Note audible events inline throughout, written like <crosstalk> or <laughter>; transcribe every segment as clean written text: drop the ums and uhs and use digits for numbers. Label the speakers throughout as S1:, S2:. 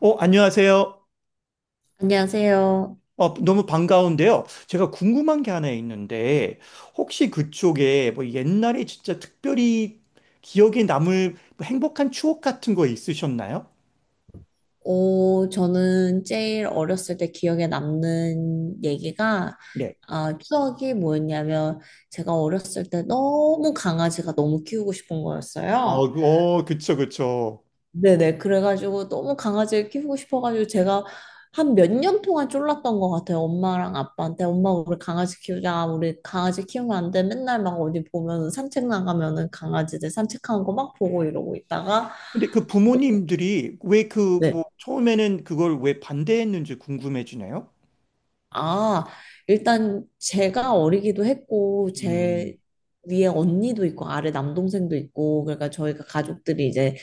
S1: 안녕하세요.
S2: 안녕하세요.
S1: 너무 반가운데요. 제가 궁금한 게 하나 있는데, 혹시 그쪽에 뭐 옛날에 진짜 특별히 기억에 남을 뭐 행복한 추억 같은 거 있으셨나요?
S2: 오, 저는 제일 어렸을 때 기억에 남는 얘기가,
S1: 네.
S2: 아, 추억이 뭐였냐면, 제가 어렸을 때 너무 강아지가 너무 키우고 싶은
S1: 아,
S2: 거였어요.
S1: 그쵸, 그쵸.
S2: 네네. 그래가지고 너무 강아지를 키우고 싶어가지고 제가 한 몇 년 동안 쫄랐던 것 같아요. 엄마랑 아빠한테. 엄마, 우리 강아지 키우자. 우리 강아지 키우면 안 돼. 맨날 막 어디 보면 산책 나가면은 강아지들 산책하는 거 막 보고 이러고 있다가,
S1: 근데 그
S2: 뭐,
S1: 부모님들이 왜 그
S2: 네.
S1: 뭐 처음에는 그걸 왜 반대했는지 궁금해지네요.
S2: 아, 일단 제가 어리기도 했고,
S1: 음.
S2: 제 위에 언니도 있고, 아래 남동생도 있고, 그러니까 저희가 가족들이 이제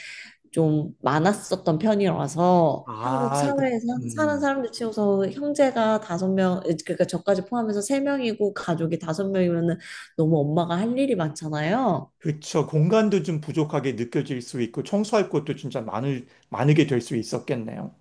S2: 좀 많았었던 편이라서 한국
S1: 아, 그,
S2: 사회에서 사는 사람들 치고서 형제가 다섯 명, 그러니까 저까지 포함해서 세 명이고 가족이 다섯 명이면은 너무 엄마가 할 일이 많잖아요.
S1: 그쵸. 공간도 좀 부족하게 느껴질 수 있고, 청소할 것도 진짜 많게 될 수 있었겠네요.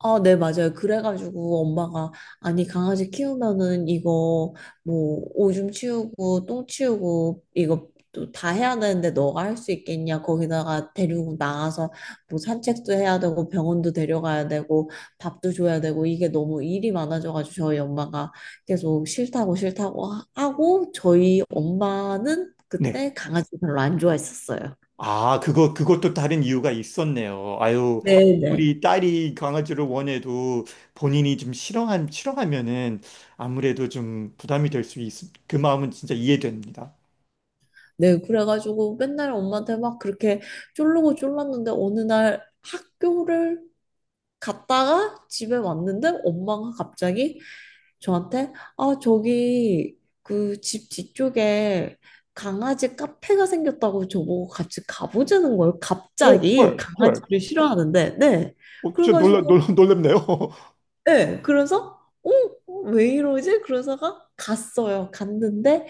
S2: 아, 네, 맞아요. 그래가지고 엄마가, 아니, 강아지 키우면은 이거 뭐 오줌 치우고 똥 치우고 이거 또 다 해야 되는데 너가 할 수 있겠냐? 거기다가 데리고 나가서 뭐 산책도 해야 되고 병원도 데려가야 되고 밥도 줘야 되고 이게 너무 일이 많아져가지고 저희 엄마가 계속 싫다고 싫다고 하고 저희 엄마는
S1: 네.
S2: 그때 강아지 별로 안 좋아했었어요.
S1: 아, 그것도 다른 이유가 있었네요. 아유,
S2: 네네.
S1: 우리 딸이 강아지를 원해도 본인이 좀 싫어하면은 아무래도 좀 부담이 될 수 있, 그 마음은 진짜 이해됩니다.
S2: 네, 그래가지고 맨날 엄마한테 막 그렇게 쫄르고 쫄랐는데 어느 날 학교를 갔다가 집에 왔는데 엄마가 갑자기 저한테 아, 저기 그 집 뒤쪽에 강아지 카페가 생겼다고 저보고 같이 가보자는 거예요.
S1: 오,
S2: 갑자기
S1: 헐, 헐.
S2: 강아지를 싫어하는데, 네.
S1: 진짜
S2: 그래가지고,
S1: 놀랍네요.
S2: 네. 그래서, 어? 왜 이러지? 그러다가 갔어요. 갔는데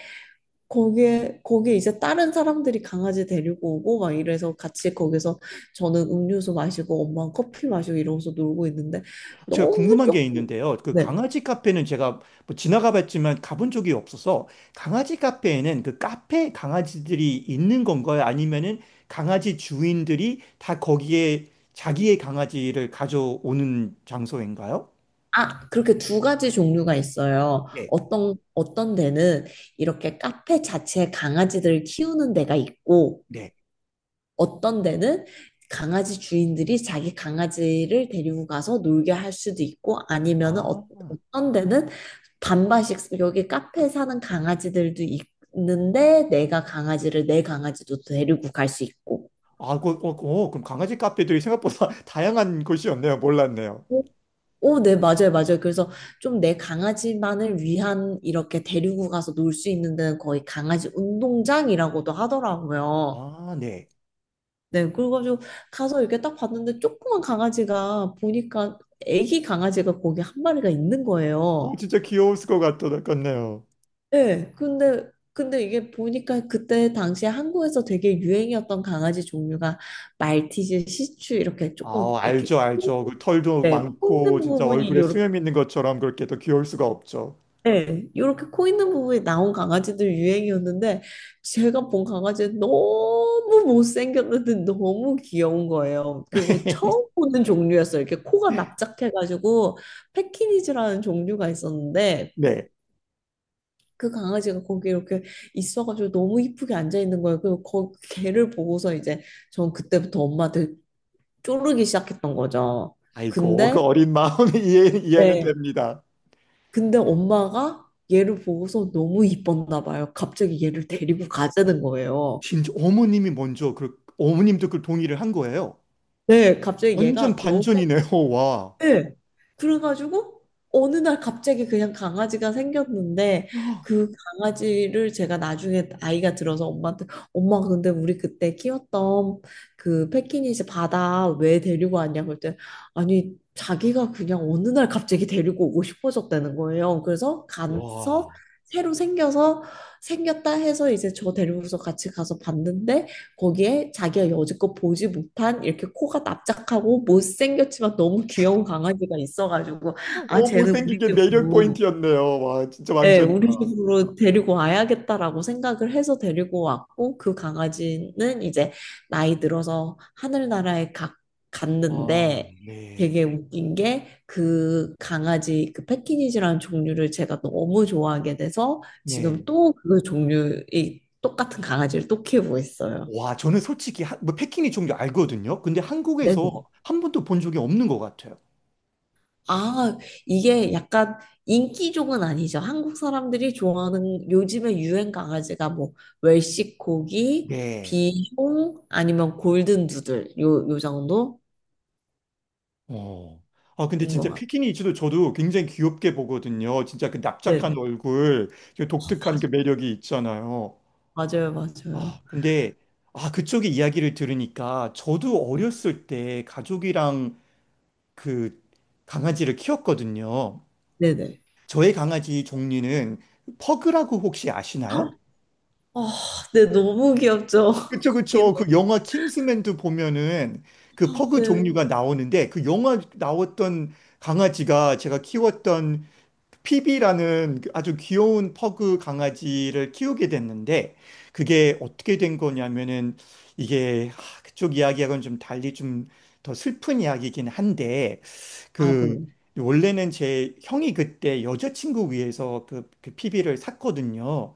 S2: 거기에 이제 다른 사람들이 강아지 데리고 오고 막 이래서 같이 거기서 저는 음료수 마시고 엄마는 커피 마시고 이러면서 놀고 있는데
S1: 제가
S2: 너무
S1: 궁금한 게
S2: 조금
S1: 있는데요. 그
S2: 네.
S1: 강아지 카페는 제가 뭐 지나가 봤지만 가본 적이 없어서 강아지 카페에는 그 카페 강아지들이 있는 건가요? 아니면은 강아지 주인들이 다 거기에 자기의 강아지를 가져오는 장소인가요?
S2: 아, 그렇게 두 가지 종류가 있어요.
S1: 네,
S2: 어떤 데는 이렇게 카페 자체에 강아지들을 키우는 데가 있고
S1: 네.
S2: 어떤 데는 강아지 주인들이 자기 강아지를 데리고 가서 놀게 할 수도 있고 아니면은
S1: 아,
S2: 어, 어떤 데는 반반씩 여기 카페 사는 강아지들도 있는데 내가 강아지를 내 강아지도 데리고 갈 수 있고
S1: 아, 그럼 강아지 카페들이 생각보다 <laughs> 다양한 곳이었네요. 몰랐네요.
S2: 오, 오, 네, 맞아요, 맞아요. 그래서 좀 내 강아지만을 위한 이렇게 데리고 가서 놀 수 있는 데는 거의 강아지 운동장이라고도 하더라고요.
S1: 아, 네.
S2: 네, 그래가지고 가서 이렇게 딱 봤는데 조그만 강아지가 보니까 애기 강아지가 거기 한 마리가 있는 거예요.
S1: 진짜 귀여웠을 것 같네요.
S2: 네, 근데 이게 보니까 그때 당시에 한국에서 되게 유행이었던 강아지 종류가 말티즈, 시츄 이렇게
S1: 아,
S2: 조금 이렇게
S1: 알죠, 알죠. 그 털도
S2: 네, 코
S1: 많고
S2: 있는
S1: 진짜
S2: 부분이
S1: 얼굴에 수염 있는 것처럼 그렇게 더 귀여울 수가 없죠.
S2: 네, 이렇게 코 있는 부분이 나온 강아지들 유행이었는데 제가 본 강아지는 너무 못생겼는데 너무 귀여운 거예요. 그리고 처음 보는 종류였어요. 이렇게 코가 납작해가지고 패키니즈라는 종류가 있었는데
S1: 네.
S2: 그 강아지가 거기 이렇게 있어가지고 너무 이쁘게 앉아 있는 거예요. 그리고 걔를 보고서 이제 전 그때부터 엄마한테 쪼르기 시작했던 거죠.
S1: 아이고,
S2: 근데
S1: 그 어린 마음이 <laughs> 이해는
S2: 네.
S1: 됩니다.
S2: 근데 엄마가 얘를 보고서 너무 이뻤나 봐요. 갑자기 얘를
S1: 어,
S2: 데리고 가자는 거예요.
S1: 진짜 어머님이 먼저 그 어머님도 그 동의를 한 거예요.
S2: 네, 갑자기
S1: 완전
S2: 얘가 너무
S1: 반전이네요. <laughs> 와.
S2: 예. 그래가지고 어느 날 갑자기 그냥 강아지가 생겼는데 그 강아지를 제가 나중에 아이가 들어서 엄마한테 엄마 근데 우리 그때 키웠던 그 패키니즈 바다 왜 데리고 왔냐고 했더니 아니 자기가 그냥 어느 날 갑자기 데리고 오고 싶어졌다는 거예요. 그래서 가서
S1: 와.
S2: 새로 생겨서 생겼다 해서 이제 저 데리고서 같이 가서 봤는데 거기에 자기가 여지껏 보지 못한 이렇게 코가 납작하고 못생겼지만 너무 귀여운 강아지가 있어가지고 아 쟤는
S1: 못생긴
S2: 우리
S1: 게 매력
S2: 집으로
S1: 포인트였네요. 와, 진짜
S2: 예,
S1: 완전이다.
S2: 우리 집으로 데리고 와야겠다라고 생각을 해서 데리고 왔고 그 강아지는 이제 나이 들어서 하늘나라에 가,
S1: 아,
S2: 갔는데
S1: 네.
S2: 되게 웃긴 게 그 강아지 그 패키니지라는 종류를 제가 너무 좋아하게 돼서 지금
S1: 네.
S2: 또 그 종류의 똑같은 강아지를 또 키우고 있어요.
S1: 와, 저는 솔직히 뭐 패키니 종류 알거든요. 근데 한국에서
S2: 네네.
S1: 한 번도 본 적이 없는 것 같아요.
S2: 아, 이게 약간 인기종은 아니죠. 한국 사람들이 좋아하는 요즘에 유행 강아지가 뭐 웰시 코기,
S1: 네.
S2: 비숑 아니면 골든 두들 요 정도인
S1: 어. 아, 근데
S2: 것
S1: 진짜
S2: 같아요.
S1: 피키니즈도 저도 굉장히 귀엽게 보거든요. 진짜 그
S2: 네,
S1: 납작한 얼굴, 그 독특한 그 매력이 있잖아요.
S2: 맞아요, 맞아요, 맞아요.
S1: 아, 근데, 아, 그쪽의 이야기를 들으니까 저도 어렸을 때 가족이랑 그 강아지를 키웠거든요.
S2: 네네.
S1: 저의 강아지 종류는 퍼그라고 혹시 아시나요?
S2: 아, 네, 너무 귀엽죠. <laughs>
S1: 그쵸,
S2: 거기는.
S1: 그쵸. 그 영화 킹스맨도 보면은 그
S2: 아,
S1: 퍼그
S2: 네.
S1: 종류가 나오는데 그 영화 나왔던 강아지가 제가 키웠던 피비라는 그 아주 귀여운 퍼그 강아지를 키우게 됐는데 그게 어떻게 된 거냐면은 이게 그쪽 이야기하고는 좀 달리 좀 더 슬픈 이야기이긴 한데
S2: 아,
S1: 그
S2: 네.
S1: 원래는 제 형이 그때 여자친구 위해서 그 피비를 샀거든요.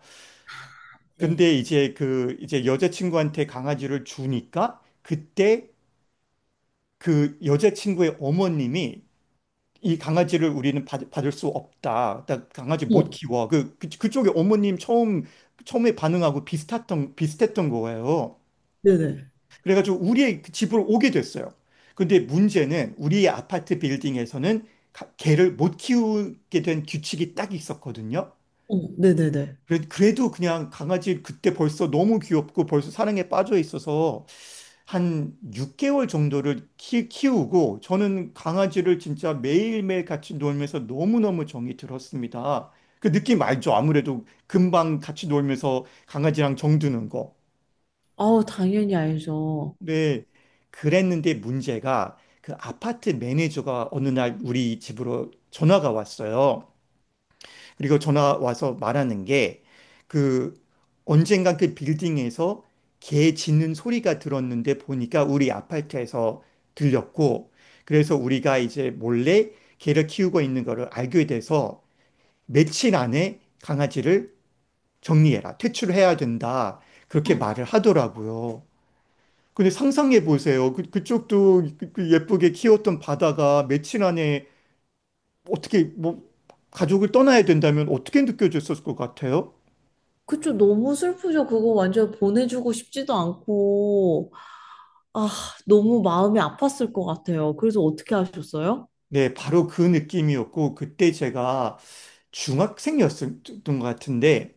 S2: 네.
S1: 근데 이제 그 이제 여자친구한테 강아지를 주니까 그때 그 여자친구의 어머님이 이 강아지를 우리는 받을 수 없다. 나 강아지 못
S2: 어머,
S1: 키워. 그 그쪽에 어머님 처음에 반응하고 비슷했던 거예요.
S2: 네네.
S1: 그래가지고 우리의 그 집으로 오게 됐어요. 근데 문제는 우리의 아파트 빌딩에서는 개를 못 키우게 된 규칙이 딱 있었거든요.
S2: 어머, 네네네.
S1: 그래도 그냥 강아지 그때 벌써 너무 귀엽고 벌써 사랑에 빠져 있어서 한 6개월 정도를 키우고 저는 강아지를 진짜 매일매일 같이 놀면서 너무너무 정이 들었습니다. 그 느낌 알죠? 아무래도 금방 같이 놀면서 강아지랑 정드는 거.
S2: 아우, 당연히 알죠.
S1: 네. 그랬는데 문제가 그 아파트 매니저가 어느 날 우리 집으로 전화가 왔어요. 그리고 전화 와서 말하는 게 그 언젠가 그 빌딩에서 개 짖는 소리가 들었는데 보니까 우리 아파트에서 들렸고 그래서 우리가 이제 몰래 개를 키우고 있는 거를 알게 돼서 며칠 안에 강아지를 정리해라. 퇴출해야 된다. 그렇게 말을 하더라고요. 근데 상상해 보세요. 그쪽도 그 예쁘게 키웠던 바다가 며칠 안에 어떻게 뭐 가족을 떠나야 된다면 어떻게 느껴졌을 것 같아요?
S2: 그쵸, 너무 슬프죠. 그거 완전 보내주고 싶지도 않고. 아, 너무 마음이 아팠을 것 같아요. 그래서 어떻게 하셨어요?
S1: 네, 바로 그 느낌이었고, 그때 제가 중학생이었던 것 같은데,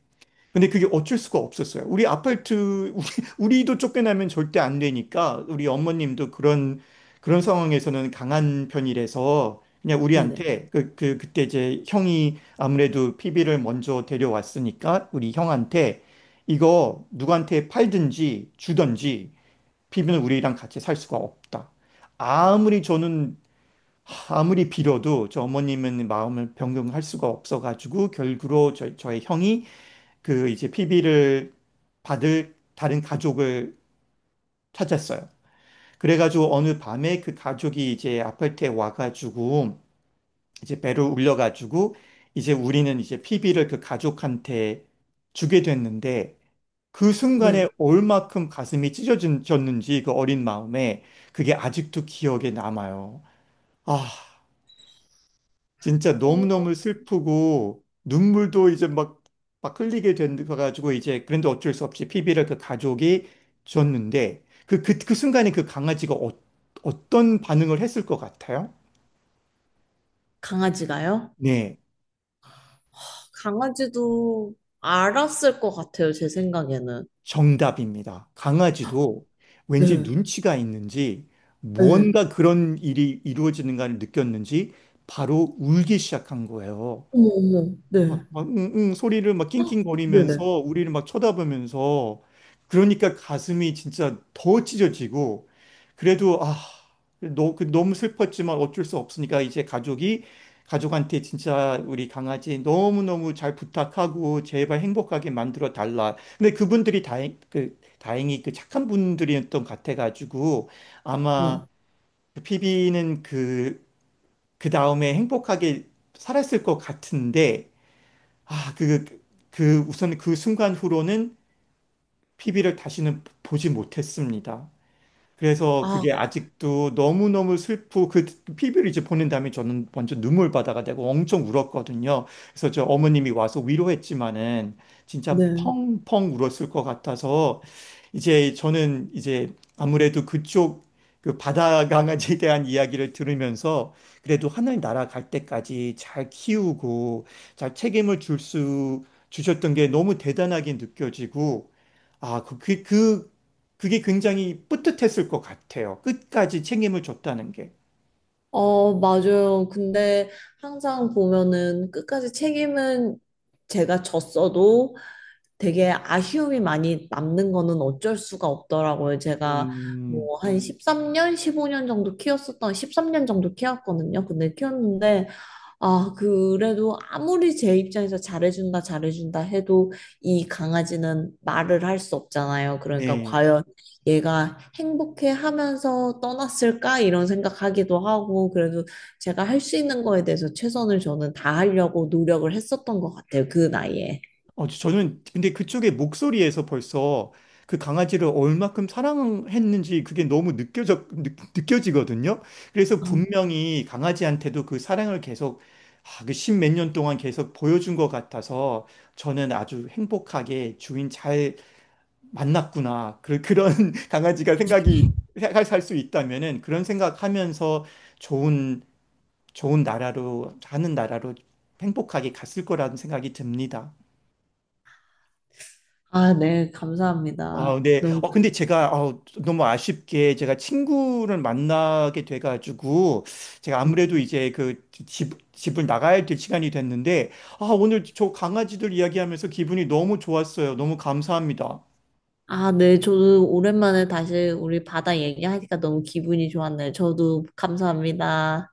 S1: 근데 그게 어쩔 수가 없었어요. 우리, 우리도 쫓겨나면 절대 안 되니까, 우리 어머님도 그런 상황에서는 강한 편이라서, 그냥
S2: 네네.
S1: 우리한테, 그때 이제 형이 아무래도 PB를 먼저 데려왔으니까, 우리 형한테, 이거 누구한테 팔든지 주든지, PB는 우리랑 같이 살 수가 없다. 아무리 저는 아무리 빌어도 저 어머님은 마음을 변경할 수가 없어가지고 결국으로 저의 형이 그 이제 피비를 받을 다른 가족을 찾았어요. 그래가지고 어느 밤에 그 가족이 이제 아파트에 와가지고 이제 배를 울려가지고 이제 우리는 이제 피비를 그 가족한테 주게 됐는데 그 순간에
S2: 네.
S1: 얼마큼 가슴이 찢어졌는지 그 어린 마음에 그게 아직도 기억에 남아요. 아... 진짜
S2: 어,
S1: 너무너무 슬프고 눈물도 이제 막 흘리게 돼가지고 이제 그런데 어쩔 수 없이 피비를 그 가족이 줬는데 그 순간에 그 강아지가 어떤 반응을 했을 것 같아요?
S2: 강아지가요?
S1: 네,
S2: 강아지도 알았을 것 같아요, 제 생각에는.
S1: 정답입니다. 강아지도 왠지
S2: 네.
S1: 눈치가 있는지
S2: 네.
S1: 무언가 그런 일이 이루어지는가를 느꼈는지 바로 울기 시작한 거예요.
S2: 어머, 어머. 네.
S1: 막 응응 소리를 막 낑낑거리면서
S2: 네네.
S1: 우리를 막 쳐다보면서 그러니까 가슴이 진짜 더 찢어지고 그래도 아, 그 너무 슬펐지만 어쩔 수 없으니까 이제 가족이 가족한테 진짜 우리 강아지 너무너무 잘 부탁하고 제발 행복하게 만들어 달라. 근데 그분들이 다행히 그 착한 분들이었던 것 같아가지고 아마
S2: 네.
S1: 그 피비는 그 다음에 행복하게 살았을 것 같은데 아, 우선 그 순간 후로는 피비를 다시는 보지 못했습니다. 그래서
S2: 아,
S1: 그게 아직도 너무너무 슬프고 그 피비를 이제 보낸 다음에 저는 먼저 눈물바다가 되고 엄청 울었거든요. 그래서 저 어머님이 와서 위로했지만은 진짜
S2: 네.
S1: 펑펑 울었을 것 같아서 이제 저는 이제 아무래도 그쪽 그 바다 강아지에 대한 이야기를 들으면서 그래도 하나님 나라 갈 때까지 잘 키우고 잘 책임을 줄 수 주셨던 게 너무 대단하게 느껴지고 아, 그게 굉장히 뿌듯했을 것 같아요. 끝까지 책임을 줬다는 게.
S2: 어, 맞아요. 근데 항상 보면은 끝까지 책임은 제가 졌어도 되게 아쉬움이 많이 남는 거는 어쩔 수가 없더라고요. 제가
S1: 음,
S2: 뭐 한 13년, 15년 정도 키웠었던 13년 정도 키웠거든요. 근데 키웠는데 아, 그래도 아무리 제 입장에서 잘해준다, 잘해준다 해도 이 강아지는 말을 할 수 없잖아요. 그러니까
S1: 네.
S2: 과연 얘가 행복해 하면서 떠났을까? 이런 생각하기도 하고 그래도 제가 할 수 있는 거에 대해서 최선을 저는 다하려고 노력을 했었던 것 같아요. 그 나이에.
S1: 저는 근데 그쪽의 목소리에서 벌써 그 강아지를 얼마큼 사랑했는지 그게 너무 느껴지거든요. 그래서
S2: 아,
S1: 분명히 강아지한테도 그 사랑을 계속 그십몇 년 동안 계속 보여준 것 같아서 저는 아주 행복하게 주인 잘 만났구나. 그런 <laughs> 강아지가 생각이, 살 수 있다면은 그런 생각하면서 좋은 좋은 나라로 행복하게 갔을 거라는 생각이 듭니다.
S2: 아, 네, 감사합니다.
S1: 아, 네.
S2: 너무,
S1: 근데 제가 너무 아쉽게 제가 친구를 만나게 돼가지고 제가 아무래도 이제 그 집을 나가야 될 시간이 됐는데 아, 오늘 저 강아지들 이야기하면서 기분이 너무 좋았어요. 너무 감사합니다.
S2: 아, 네, 저도 오랜만에 다시 우리 바다 얘기하니까 너무 기분이 좋았네요. 저도 감사합니다.